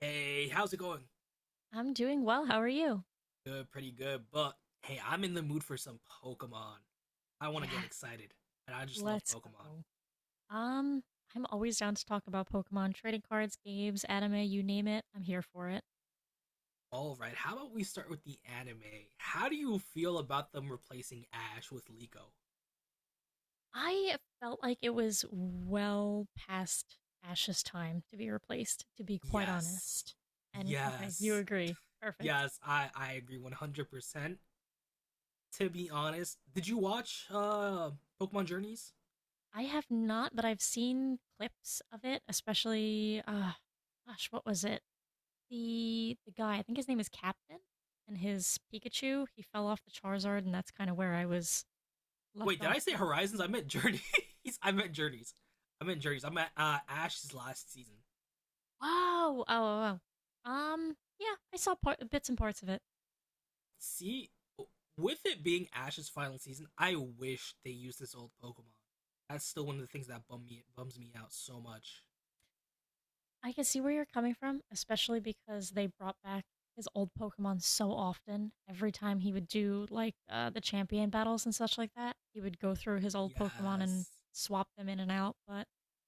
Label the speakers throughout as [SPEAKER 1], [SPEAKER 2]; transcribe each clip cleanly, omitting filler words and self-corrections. [SPEAKER 1] Hey, how's it going?
[SPEAKER 2] I'm doing well. How are you?
[SPEAKER 1] Good, pretty good. But hey, I'm in the mood for some Pokemon. I want to get
[SPEAKER 2] Yeah.
[SPEAKER 1] excited, and I just love
[SPEAKER 2] Let's
[SPEAKER 1] Pokemon.
[SPEAKER 2] go. Um, I'm always down to talk about Pokemon, trading cards, games, anime, you name it. I'm here for it.
[SPEAKER 1] All right, how about we start with the anime? How do you feel about them replacing Ash with Liko?
[SPEAKER 2] I felt like it was well past Ash's time to be replaced, to be quite
[SPEAKER 1] Yes,
[SPEAKER 2] honest. And okay, you
[SPEAKER 1] yes,
[SPEAKER 2] agree. Perfect.
[SPEAKER 1] yes. I agree 100. percent. To be honest, did you watch Pokemon Journeys?
[SPEAKER 2] I have not, but I've seen clips of it, especially gosh, what was it? The guy, I think his name is Captain, and his Pikachu, he fell off the Charizard, and that's kind of where I was
[SPEAKER 1] Wait,
[SPEAKER 2] left
[SPEAKER 1] did I
[SPEAKER 2] off
[SPEAKER 1] say
[SPEAKER 2] with.
[SPEAKER 1] Horizons? I meant Journeys. I meant Journeys. I meant Journeys. I meant Ash's last season.
[SPEAKER 2] Wow. Oh, oh, oh. Yeah, I saw part, bits and parts of it.
[SPEAKER 1] See, with it being Ash's final season, I wish they used this old Pokemon. That's still one of the things that bums me out so much.
[SPEAKER 2] I can see where you're coming from, especially because they brought back his old Pokemon so often. Every time he would do like the champion battles and such like that, he would go through his old Pokemon and
[SPEAKER 1] Yes,
[SPEAKER 2] swap them in and out. But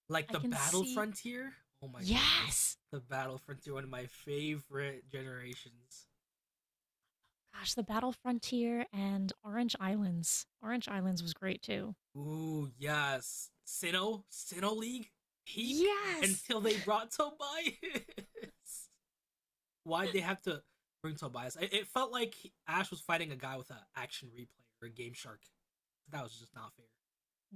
[SPEAKER 1] like
[SPEAKER 2] I
[SPEAKER 1] the
[SPEAKER 2] can
[SPEAKER 1] Battle
[SPEAKER 2] see,
[SPEAKER 1] Frontier. Oh my goodness,
[SPEAKER 2] yes,
[SPEAKER 1] the Battle Frontier, one of my favorite generations.
[SPEAKER 2] gosh, the Battle Frontier and Orange Islands. Orange Islands was great too.
[SPEAKER 1] Ooh, yes, Sinnoh, Sinnoh League, peak,
[SPEAKER 2] Yes,
[SPEAKER 1] until they brought Tobias. Why'd they have to bring Tobias? It felt like Ash was fighting a guy with an action replay or a Game Shark. That was just not fair.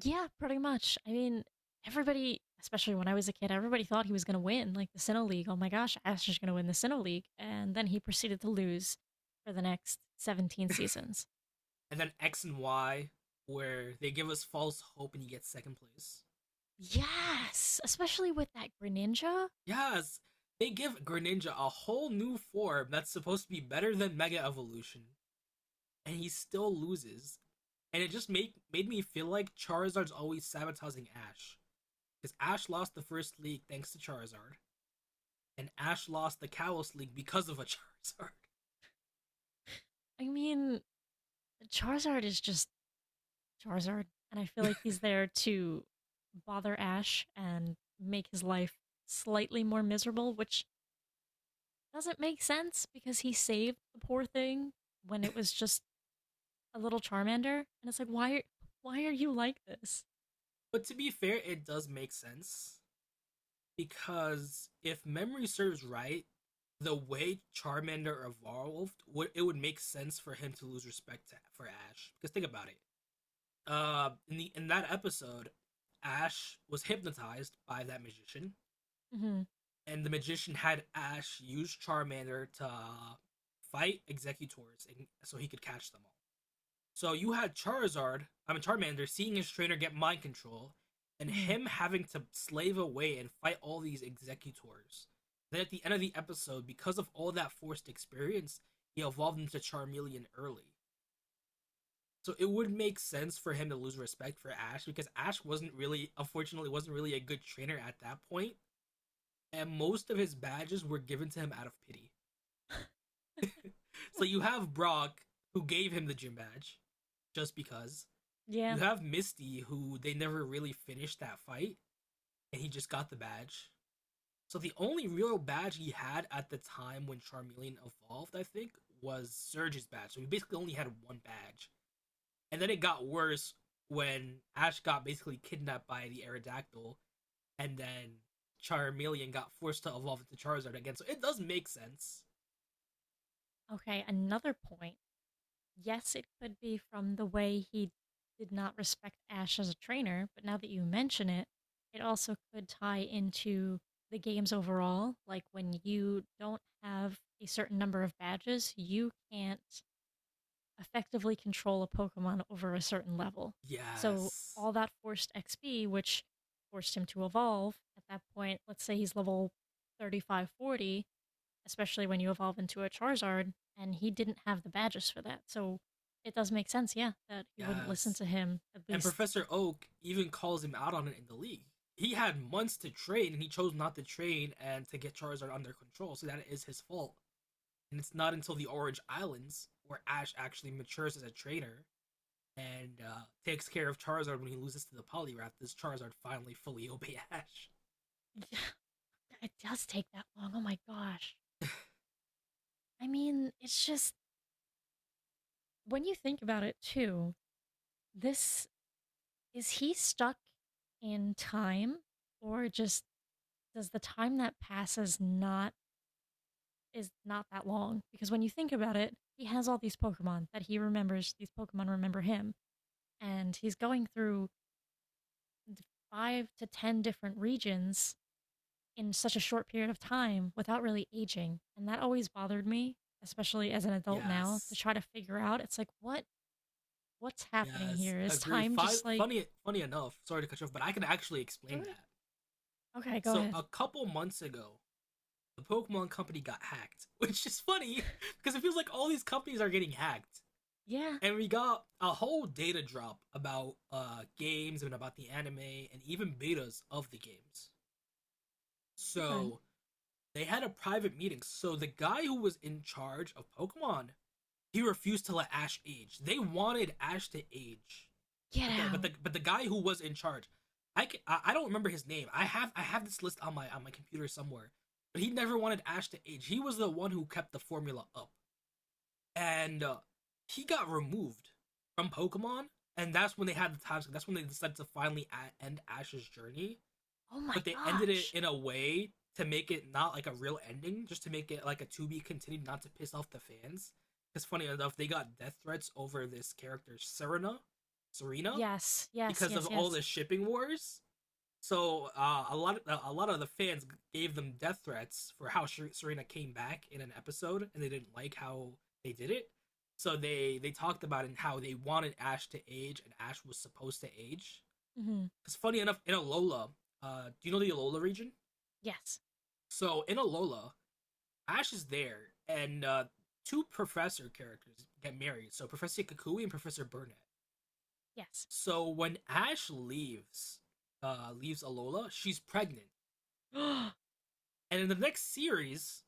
[SPEAKER 2] yeah, pretty much. I mean, everybody, especially when I was a kid, everybody thought he was going to win, like the Sinnoh League. Oh my gosh, Ash is going to win the Sinnoh League. And then he proceeded to lose for the next 17 seasons.
[SPEAKER 1] And then X and Y, where they give us false hope and he gets second place.
[SPEAKER 2] Yes, especially with that Greninja.
[SPEAKER 1] Yes, they give Greninja a whole new form that's supposed to be better than Mega Evolution, and he still loses. And it just made me feel like Charizard's always sabotaging Ash. Because Ash lost the first league thanks to Charizard, and Ash lost the Kalos League because of a Charizard.
[SPEAKER 2] I mean, Charizard is just Charizard. And I feel like he's there to bother Ash and make his life slightly more miserable, which doesn't make sense because he saved the poor thing when it was just a little Charmander, and it's like, why are you like this?
[SPEAKER 1] But to be fair, it does make sense because if memory serves right, the way Charmander evolved, it would make sense for him to lose respect to, for Ash. Because think about it. In the in that episode, Ash was hypnotized by that magician,
[SPEAKER 2] Hmm.
[SPEAKER 1] and the magician had Ash use Charmander to fight Executors, and, so he could catch them all. So you had Charizard, I mean Charmander, seeing his trainer get mind control, and
[SPEAKER 2] Hmm.
[SPEAKER 1] him having to slave away and fight all these executors. Then at the end of the episode, because of all that forced experience, he evolved into Charmeleon early. So it would make sense for him to lose respect for Ash because Ash wasn't really, unfortunately, wasn't really a good trainer at that point, and most of his badges were given to him out of pity. So you have Brock, who gave him the gym badge, just because.
[SPEAKER 2] Yeah.
[SPEAKER 1] You have Misty, who they never really finished that fight, and he just got the badge. So the only real badge he had at the time when Charmeleon evolved, I think, was Surge's badge. So he basically only had one badge. And then it got worse when Ash got basically kidnapped by the Aerodactyl, and then Charmeleon got forced to evolve into Charizard again. So it does make sense.
[SPEAKER 2] Okay. Another point. Yes, it could be from the way he did not respect Ash as a trainer, but now that you mention it, it also could tie into the games overall. Like when you don't have a certain number of badges, you can't effectively control a Pokemon over a certain level. So
[SPEAKER 1] Yes.
[SPEAKER 2] all that forced XP, which forced him to evolve at that point, let's say he's level 35, 40. Especially when you evolve into a Charizard, and he didn't have the badges for that. So it does make sense, yeah, that he wouldn't listen
[SPEAKER 1] Yes.
[SPEAKER 2] to him, at
[SPEAKER 1] And
[SPEAKER 2] least.
[SPEAKER 1] Professor Oak even calls him out on it in the league. He had months to train and he chose not to train and to get Charizard under control, so that is his fault. And it's not until the Orange Islands where Ash actually matures as a trainer and takes care of Charizard when he loses to the Poliwrath does Charizard finally fully obey Ash.
[SPEAKER 2] Yeah, it does take that long. Oh my gosh. I mean, it's just, when you think about it too, this, is he stuck in time, or just, does the time that passes, not is not that long, because when you think about it, he has all these pokemon that he remembers, these pokemon remember him, and he's going through five to ten different regions in such a short period of time without really aging, and that always bothered me, especially as an adult now, to
[SPEAKER 1] Yes,
[SPEAKER 2] try to figure out. It's like, what, what's happening
[SPEAKER 1] yes,
[SPEAKER 2] here, is
[SPEAKER 1] agree.
[SPEAKER 2] time just like...
[SPEAKER 1] Funny enough. Sorry to cut you off, but I can actually
[SPEAKER 2] It's
[SPEAKER 1] explain
[SPEAKER 2] okay.
[SPEAKER 1] that.
[SPEAKER 2] Okay, go
[SPEAKER 1] So a
[SPEAKER 2] ahead.
[SPEAKER 1] couple months ago, the Pokemon company got hacked, which is funny because it feels like all these companies are getting hacked.
[SPEAKER 2] Yeah.
[SPEAKER 1] And we got a whole data drop about games and about the anime and even betas of the games.
[SPEAKER 2] Okay.
[SPEAKER 1] So they had a private meeting. So the guy who was in charge of Pokemon, he refused to let Ash age. They wanted Ash to age,
[SPEAKER 2] Get
[SPEAKER 1] but the but
[SPEAKER 2] out.
[SPEAKER 1] the but the guy who was in charge, I don't remember his name. I have this list on my computer somewhere, but he never wanted Ash to age. He was the one who kept the formula up, and he got removed from Pokemon, and that's when they had the time. That's when they decided to finally end Ash's journey,
[SPEAKER 2] Oh my
[SPEAKER 1] but they ended it
[SPEAKER 2] gosh.
[SPEAKER 1] in a way to make it not like a real ending, just to make it like a to be continued, not to piss off the fans. Because funny enough, they got death threats over this character Serena, Serena,
[SPEAKER 2] Yes, yes,
[SPEAKER 1] because of
[SPEAKER 2] yes,
[SPEAKER 1] all
[SPEAKER 2] yes.
[SPEAKER 1] the shipping wars. So a lot of the fans gave them death threats for how Serena came back in an episode, and they didn't like how they did it. So they talked about it and how they wanted Ash to age, and Ash was supposed to age.
[SPEAKER 2] Hmm.
[SPEAKER 1] It's funny enough in Alola. Do you know the Alola region?
[SPEAKER 2] Yes.
[SPEAKER 1] So in Alola, Ash is there, and two professor characters get married. So Professor Kakui and Professor Burnett.
[SPEAKER 2] Yes.
[SPEAKER 1] So when Ash leaves, leaves Alola, she's pregnant, and in the next series,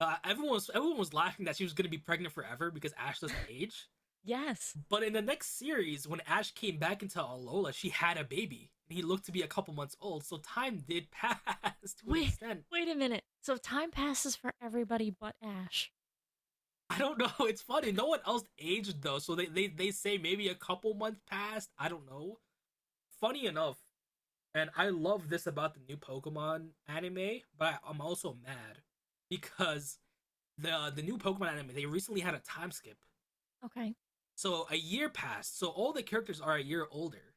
[SPEAKER 1] everyone was laughing that she was gonna be pregnant forever because Ash doesn't age.
[SPEAKER 2] Yes.
[SPEAKER 1] But in the next series, when Ash came back into Alola, she had a baby, and he looked to be a couple months old. So time did pass to an
[SPEAKER 2] Wait.
[SPEAKER 1] extent.
[SPEAKER 2] Wait a minute. So time passes for everybody but Ash.
[SPEAKER 1] I don't know. It's funny. No one else aged though, so they say maybe a couple months passed. I don't know. Funny enough, and I love this about the new Pokemon anime, but I'm also mad because the new Pokemon anime they recently had a time skip,
[SPEAKER 2] Okay.
[SPEAKER 1] so a year passed. So all the characters are a year older,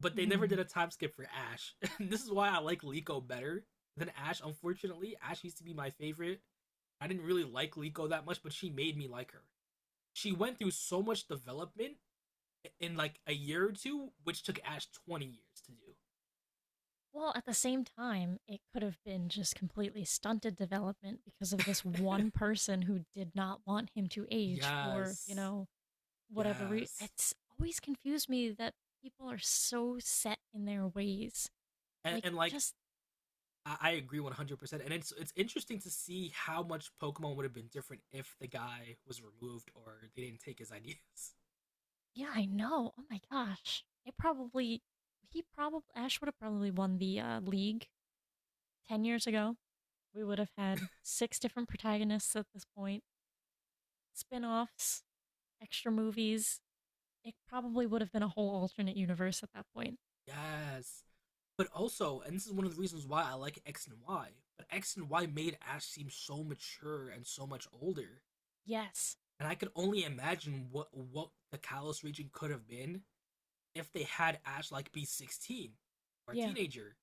[SPEAKER 1] but they never
[SPEAKER 2] Hmm.
[SPEAKER 1] did a time skip for Ash. And this is why I like Liko better than Ash. Unfortunately, Ash used to be my favorite. I didn't really like Liko that much, but she made me like her. She went through so much development in like a year or two, which took Ash 20 years
[SPEAKER 2] Well, at the same time, it could have been just completely stunted development because
[SPEAKER 1] to
[SPEAKER 2] of this
[SPEAKER 1] do.
[SPEAKER 2] one person who did not want him to age for
[SPEAKER 1] Yes.
[SPEAKER 2] whatever reason.
[SPEAKER 1] Yes,
[SPEAKER 2] It's always confused me that people are so set in their ways. Like,
[SPEAKER 1] and like
[SPEAKER 2] just
[SPEAKER 1] I agree 100%. And it's interesting to see how much Pokemon would have been different if the guy was removed or they didn't take his ideas.
[SPEAKER 2] yeah, I know. Oh my gosh, it probably he probably Ash would have probably won the league 10 years ago. We would have had six different protagonists at this point, spin offs, extra movies. It probably would have been a whole alternate universe at that point.
[SPEAKER 1] Yes, but also, and this is one of the reasons why I like X and Y. But X and Y made Ash seem so mature and so much older.
[SPEAKER 2] Yes.
[SPEAKER 1] And I could only imagine what the Kalos region could have been if they had Ash like be 16 or a
[SPEAKER 2] Yeah.
[SPEAKER 1] teenager.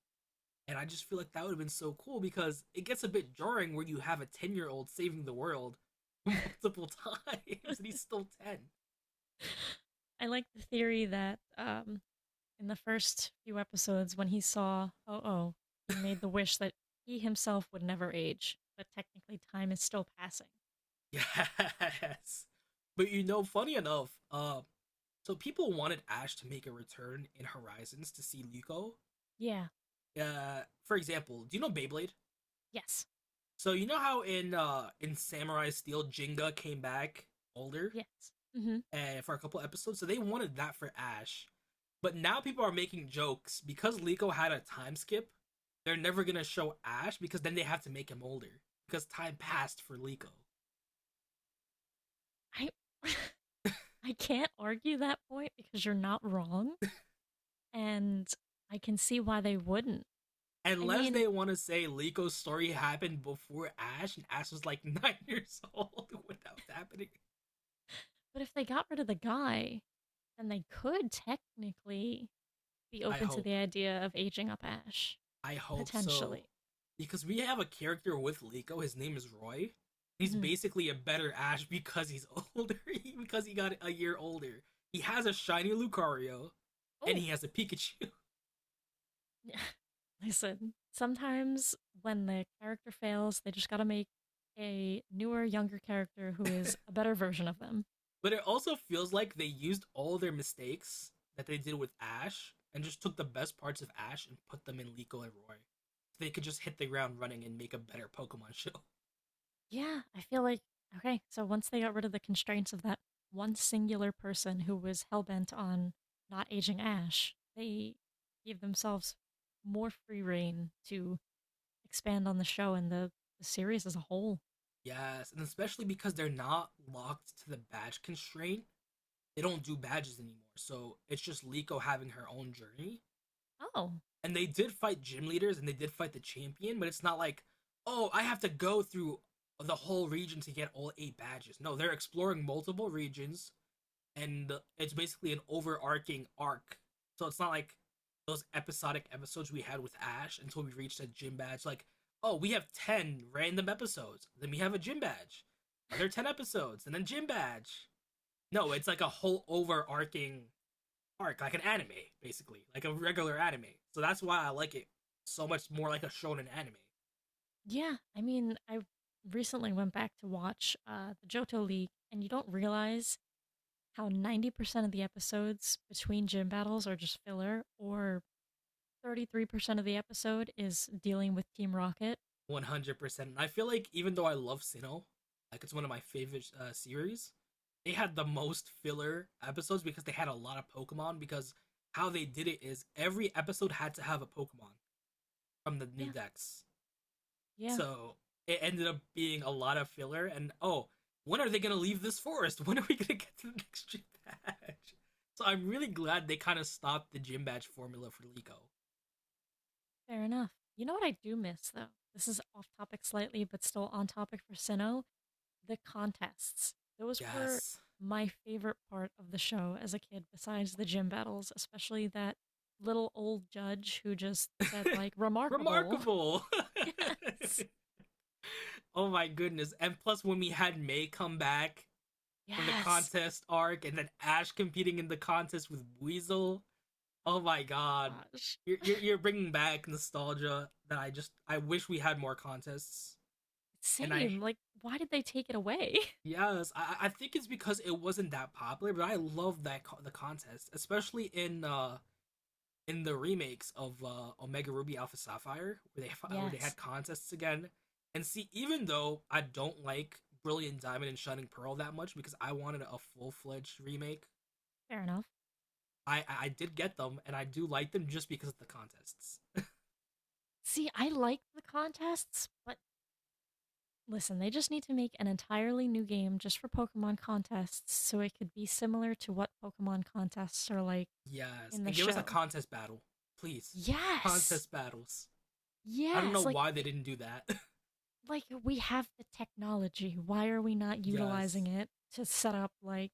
[SPEAKER 1] And I just feel like that would have been so cool because it gets a bit jarring where you have a 10-year-old saving the world multiple times and he's still 10.
[SPEAKER 2] I like the theory that in the first few episodes, when he saw Oh Oh, he made the wish that he himself would never age, but technically time is still passing.
[SPEAKER 1] Yes. But you know, funny enough, so people wanted Ash to make a return in Horizons to see Liko.
[SPEAKER 2] Yeah.
[SPEAKER 1] For example, do you know Beyblade?
[SPEAKER 2] Yes.
[SPEAKER 1] So you know how in Samurai Steel Jinga came back older?
[SPEAKER 2] Yes. Hmm.
[SPEAKER 1] For a couple episodes, so they wanted that for Ash. But now people are making jokes because Liko had a time skip. They're never gonna show Ash because then they have to make him older because time passed for Liko.
[SPEAKER 2] I I can't argue that point because you're not wrong. And I can see why they wouldn't. I
[SPEAKER 1] Unless
[SPEAKER 2] mean,
[SPEAKER 1] they want to say Liko's story happened before Ash and Ash was like 9 years old when that was happening.
[SPEAKER 2] but if they got rid of the guy, then they could technically be
[SPEAKER 1] I
[SPEAKER 2] open to the
[SPEAKER 1] hope.
[SPEAKER 2] idea of aging up Ash,
[SPEAKER 1] I hope so.
[SPEAKER 2] potentially.
[SPEAKER 1] Because we have a character with Liko, his name is Roy. He's
[SPEAKER 2] Hmm.
[SPEAKER 1] basically a better Ash because he's older, because he got a year older. He has a shiny Lucario, and
[SPEAKER 2] Oh.
[SPEAKER 1] he has a Pikachu.
[SPEAKER 2] Listen, sometimes when the character fails, they just gotta make a newer, younger character who is a better version of them.
[SPEAKER 1] But it also feels like they used all their mistakes that they did with Ash and just took the best parts of Ash and put them in Liko and Roy. So they could just hit the ground running and make a better Pokemon show.
[SPEAKER 2] Yeah, I feel like, okay, so once they got rid of the constraints of that one singular person who was hell-bent on not aging Ash, they gave themselves more free reign to expand on the show and the series as a whole.
[SPEAKER 1] Yes, and especially because they're not locked to the badge constraint, they don't do badges anymore. So it's just Liko having her own journey.
[SPEAKER 2] Oh,
[SPEAKER 1] And they did fight gym leaders and they did fight the champion, but it's not like, oh, I have to go through the whole region to get all 8 badges. No, they're exploring multiple regions and it's basically an overarching arc. So it's not like those episodic episodes we had with Ash until we reached that gym badge. Like, oh, we have 10 random episodes, then we have a gym badge, other 10 episodes, and then gym badge. No, it's like a whole overarching arc, like an anime, basically, like a regular anime. So that's why I like it so much more, like a shonen anime,
[SPEAKER 2] yeah. I mean, I recently went back to watch the Johto League, and you don't realize how 90% of the episodes between gym battles are just filler, or 33% of the episode is dealing with Team Rocket.
[SPEAKER 1] 100%. And I feel like even though I love Sinnoh, like it's one of my favorite series, they had the most filler episodes because they had a lot of Pokemon. Because how they did it is every episode had to have a Pokemon from the new
[SPEAKER 2] Yeah,
[SPEAKER 1] decks.
[SPEAKER 2] yeah.
[SPEAKER 1] So it ended up being a lot of filler. And oh, when are they going to leave this forest? When are we going to get to the next gym badge? So I'm really glad they kind of stopped the gym badge formula for Liko.
[SPEAKER 2] Fair enough. You know what I do miss though? This is off topic slightly, but still on topic for Sinnoh. The contests. Those were
[SPEAKER 1] Yes.
[SPEAKER 2] my favorite part of the show as a kid, besides the gym battles, especially that little old judge who just said like remarkable.
[SPEAKER 1] Remarkable.
[SPEAKER 2] Yes.
[SPEAKER 1] Oh my goodness. And plus, when we had May come back for the
[SPEAKER 2] Yes.
[SPEAKER 1] contest arc and then Ash competing in the contest with Weasel. Oh my god.
[SPEAKER 2] Oh gosh.
[SPEAKER 1] You're bringing back nostalgia that I wish we had more contests. And I
[SPEAKER 2] Same. Like, why did they take it away?
[SPEAKER 1] Yes, I think it's because it wasn't that popular, but I love that the contest, especially in the remakes of Omega Ruby Alpha Sapphire, where they where they had
[SPEAKER 2] Yes.
[SPEAKER 1] contests again. And see, even though I don't like Brilliant Diamond and Shining Pearl that much because I wanted a full fledged remake,
[SPEAKER 2] Fair enough.
[SPEAKER 1] I I did get them and I do like them just because of the contests.
[SPEAKER 2] See, I liked the contests, but listen, they just need to make an entirely new game just for Pokemon contests so it could be similar to what Pokemon contests are like
[SPEAKER 1] Yes,
[SPEAKER 2] in the
[SPEAKER 1] and give us a
[SPEAKER 2] show.
[SPEAKER 1] contest battle, please.
[SPEAKER 2] Yes.
[SPEAKER 1] Contest battles. I don't know
[SPEAKER 2] Yes, like
[SPEAKER 1] why they didn't do that.
[SPEAKER 2] like we have the technology. Why are we not
[SPEAKER 1] Yes.
[SPEAKER 2] utilizing it to set up like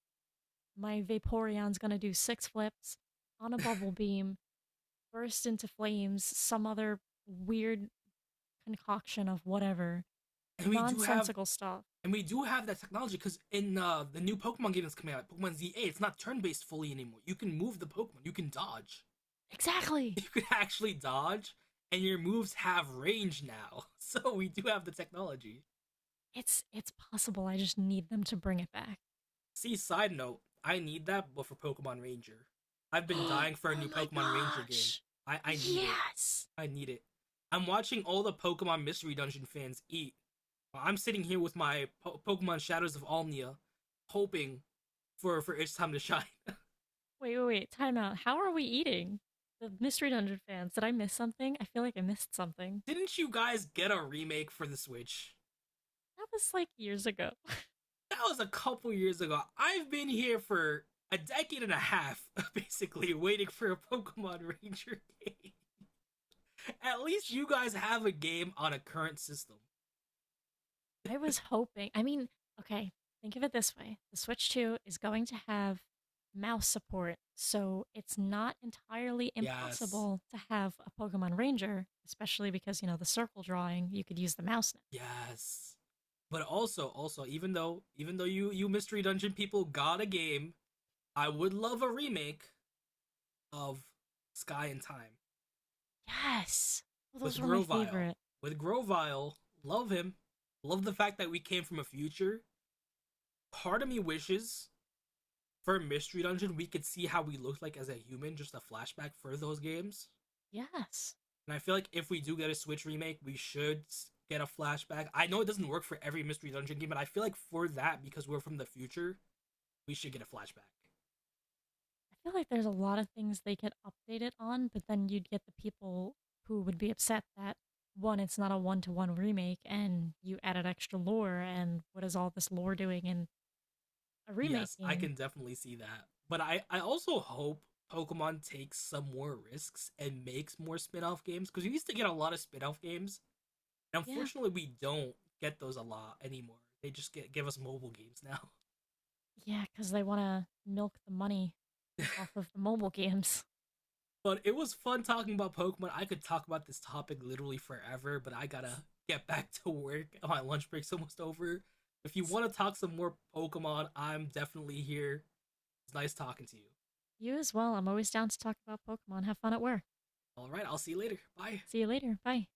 [SPEAKER 2] my Vaporeon's going to do six flips on a bubble beam, burst into flames, some other weird concoction of whatever,
[SPEAKER 1] And we do have
[SPEAKER 2] nonsensical stuff.
[SPEAKER 1] And we do have that technology because in the new Pokemon game that's coming out, Pokemon ZA, it's not turn-based fully anymore. You can move the Pokemon. You can dodge.
[SPEAKER 2] Exactly.
[SPEAKER 1] You can actually dodge, and your moves have range now. So we do have the technology.
[SPEAKER 2] It's possible. I just need them to bring it back.
[SPEAKER 1] See, side note, I need that, but for Pokemon Ranger, I've been
[SPEAKER 2] Oh
[SPEAKER 1] dying for a new
[SPEAKER 2] my
[SPEAKER 1] Pokemon Ranger game.
[SPEAKER 2] gosh.
[SPEAKER 1] I need it.
[SPEAKER 2] Yes.
[SPEAKER 1] I need it. I'm watching all the Pokemon Mystery Dungeon fans eat. Well, I'm sitting here with my Pokemon Shadows of Almia, hoping for its time to shine.
[SPEAKER 2] Wait, wait, wait. Time out. How are we eating? The Mystery Dungeon fans, did I miss something? I feel like I missed something.
[SPEAKER 1] Didn't you guys get a remake for the Switch?
[SPEAKER 2] That was like years ago.
[SPEAKER 1] That was a couple years ago. I've been here for a decade and a half, basically, waiting for a Pokemon Ranger game. At least you guys have a game on a current system.
[SPEAKER 2] I was hoping. I mean, okay, think of it this way, the Switch 2 is going to have mouse support, so it's not entirely
[SPEAKER 1] Yes.
[SPEAKER 2] impossible to have a Pokemon Ranger, especially because, you know, the circle drawing, you could use the mouse
[SPEAKER 1] Yes. But also, also, even though you mystery dungeon people got a game, I would love a remake of Sky and Time
[SPEAKER 2] now. Yes. Well,
[SPEAKER 1] with
[SPEAKER 2] those were my
[SPEAKER 1] Grovyle.
[SPEAKER 2] favorite.
[SPEAKER 1] With Grovyle, love him. Love the fact that we came from a future part of me wishes for Mystery Dungeon we could see how we looked like as a human, just a flashback for those games.
[SPEAKER 2] Yes.
[SPEAKER 1] And I feel like if we do get a Switch remake, we should get a flashback. I know it doesn't work for every Mystery Dungeon game, but I feel like for that, because we're from the future, we should get a flashback.
[SPEAKER 2] I feel like there's a lot of things they could update it on, but then you'd get the people who would be upset that, one, it's not a one to one remake, and you added extra lore, and what is all this lore doing in a remake
[SPEAKER 1] Yes, I
[SPEAKER 2] game?
[SPEAKER 1] can definitely see that. But I also hope Pokemon takes some more risks and makes more spin off games, because we used to get a lot of spin off games. And
[SPEAKER 2] Yeah,
[SPEAKER 1] unfortunately, we don't get those a lot anymore. They just get give us mobile games now.
[SPEAKER 2] yeah, because they want to milk the money off of the mobile games.
[SPEAKER 1] But it was fun talking about Pokemon. I could talk about this topic literally forever, but I gotta get back to work. My lunch break's almost over. If you want to talk some more Pokemon, I'm definitely here. It's nice talking to you.
[SPEAKER 2] You as well. I'm always down to talk about Pokemon. Have fun at work.
[SPEAKER 1] All right, I'll see you later. Bye.
[SPEAKER 2] See you later. Bye.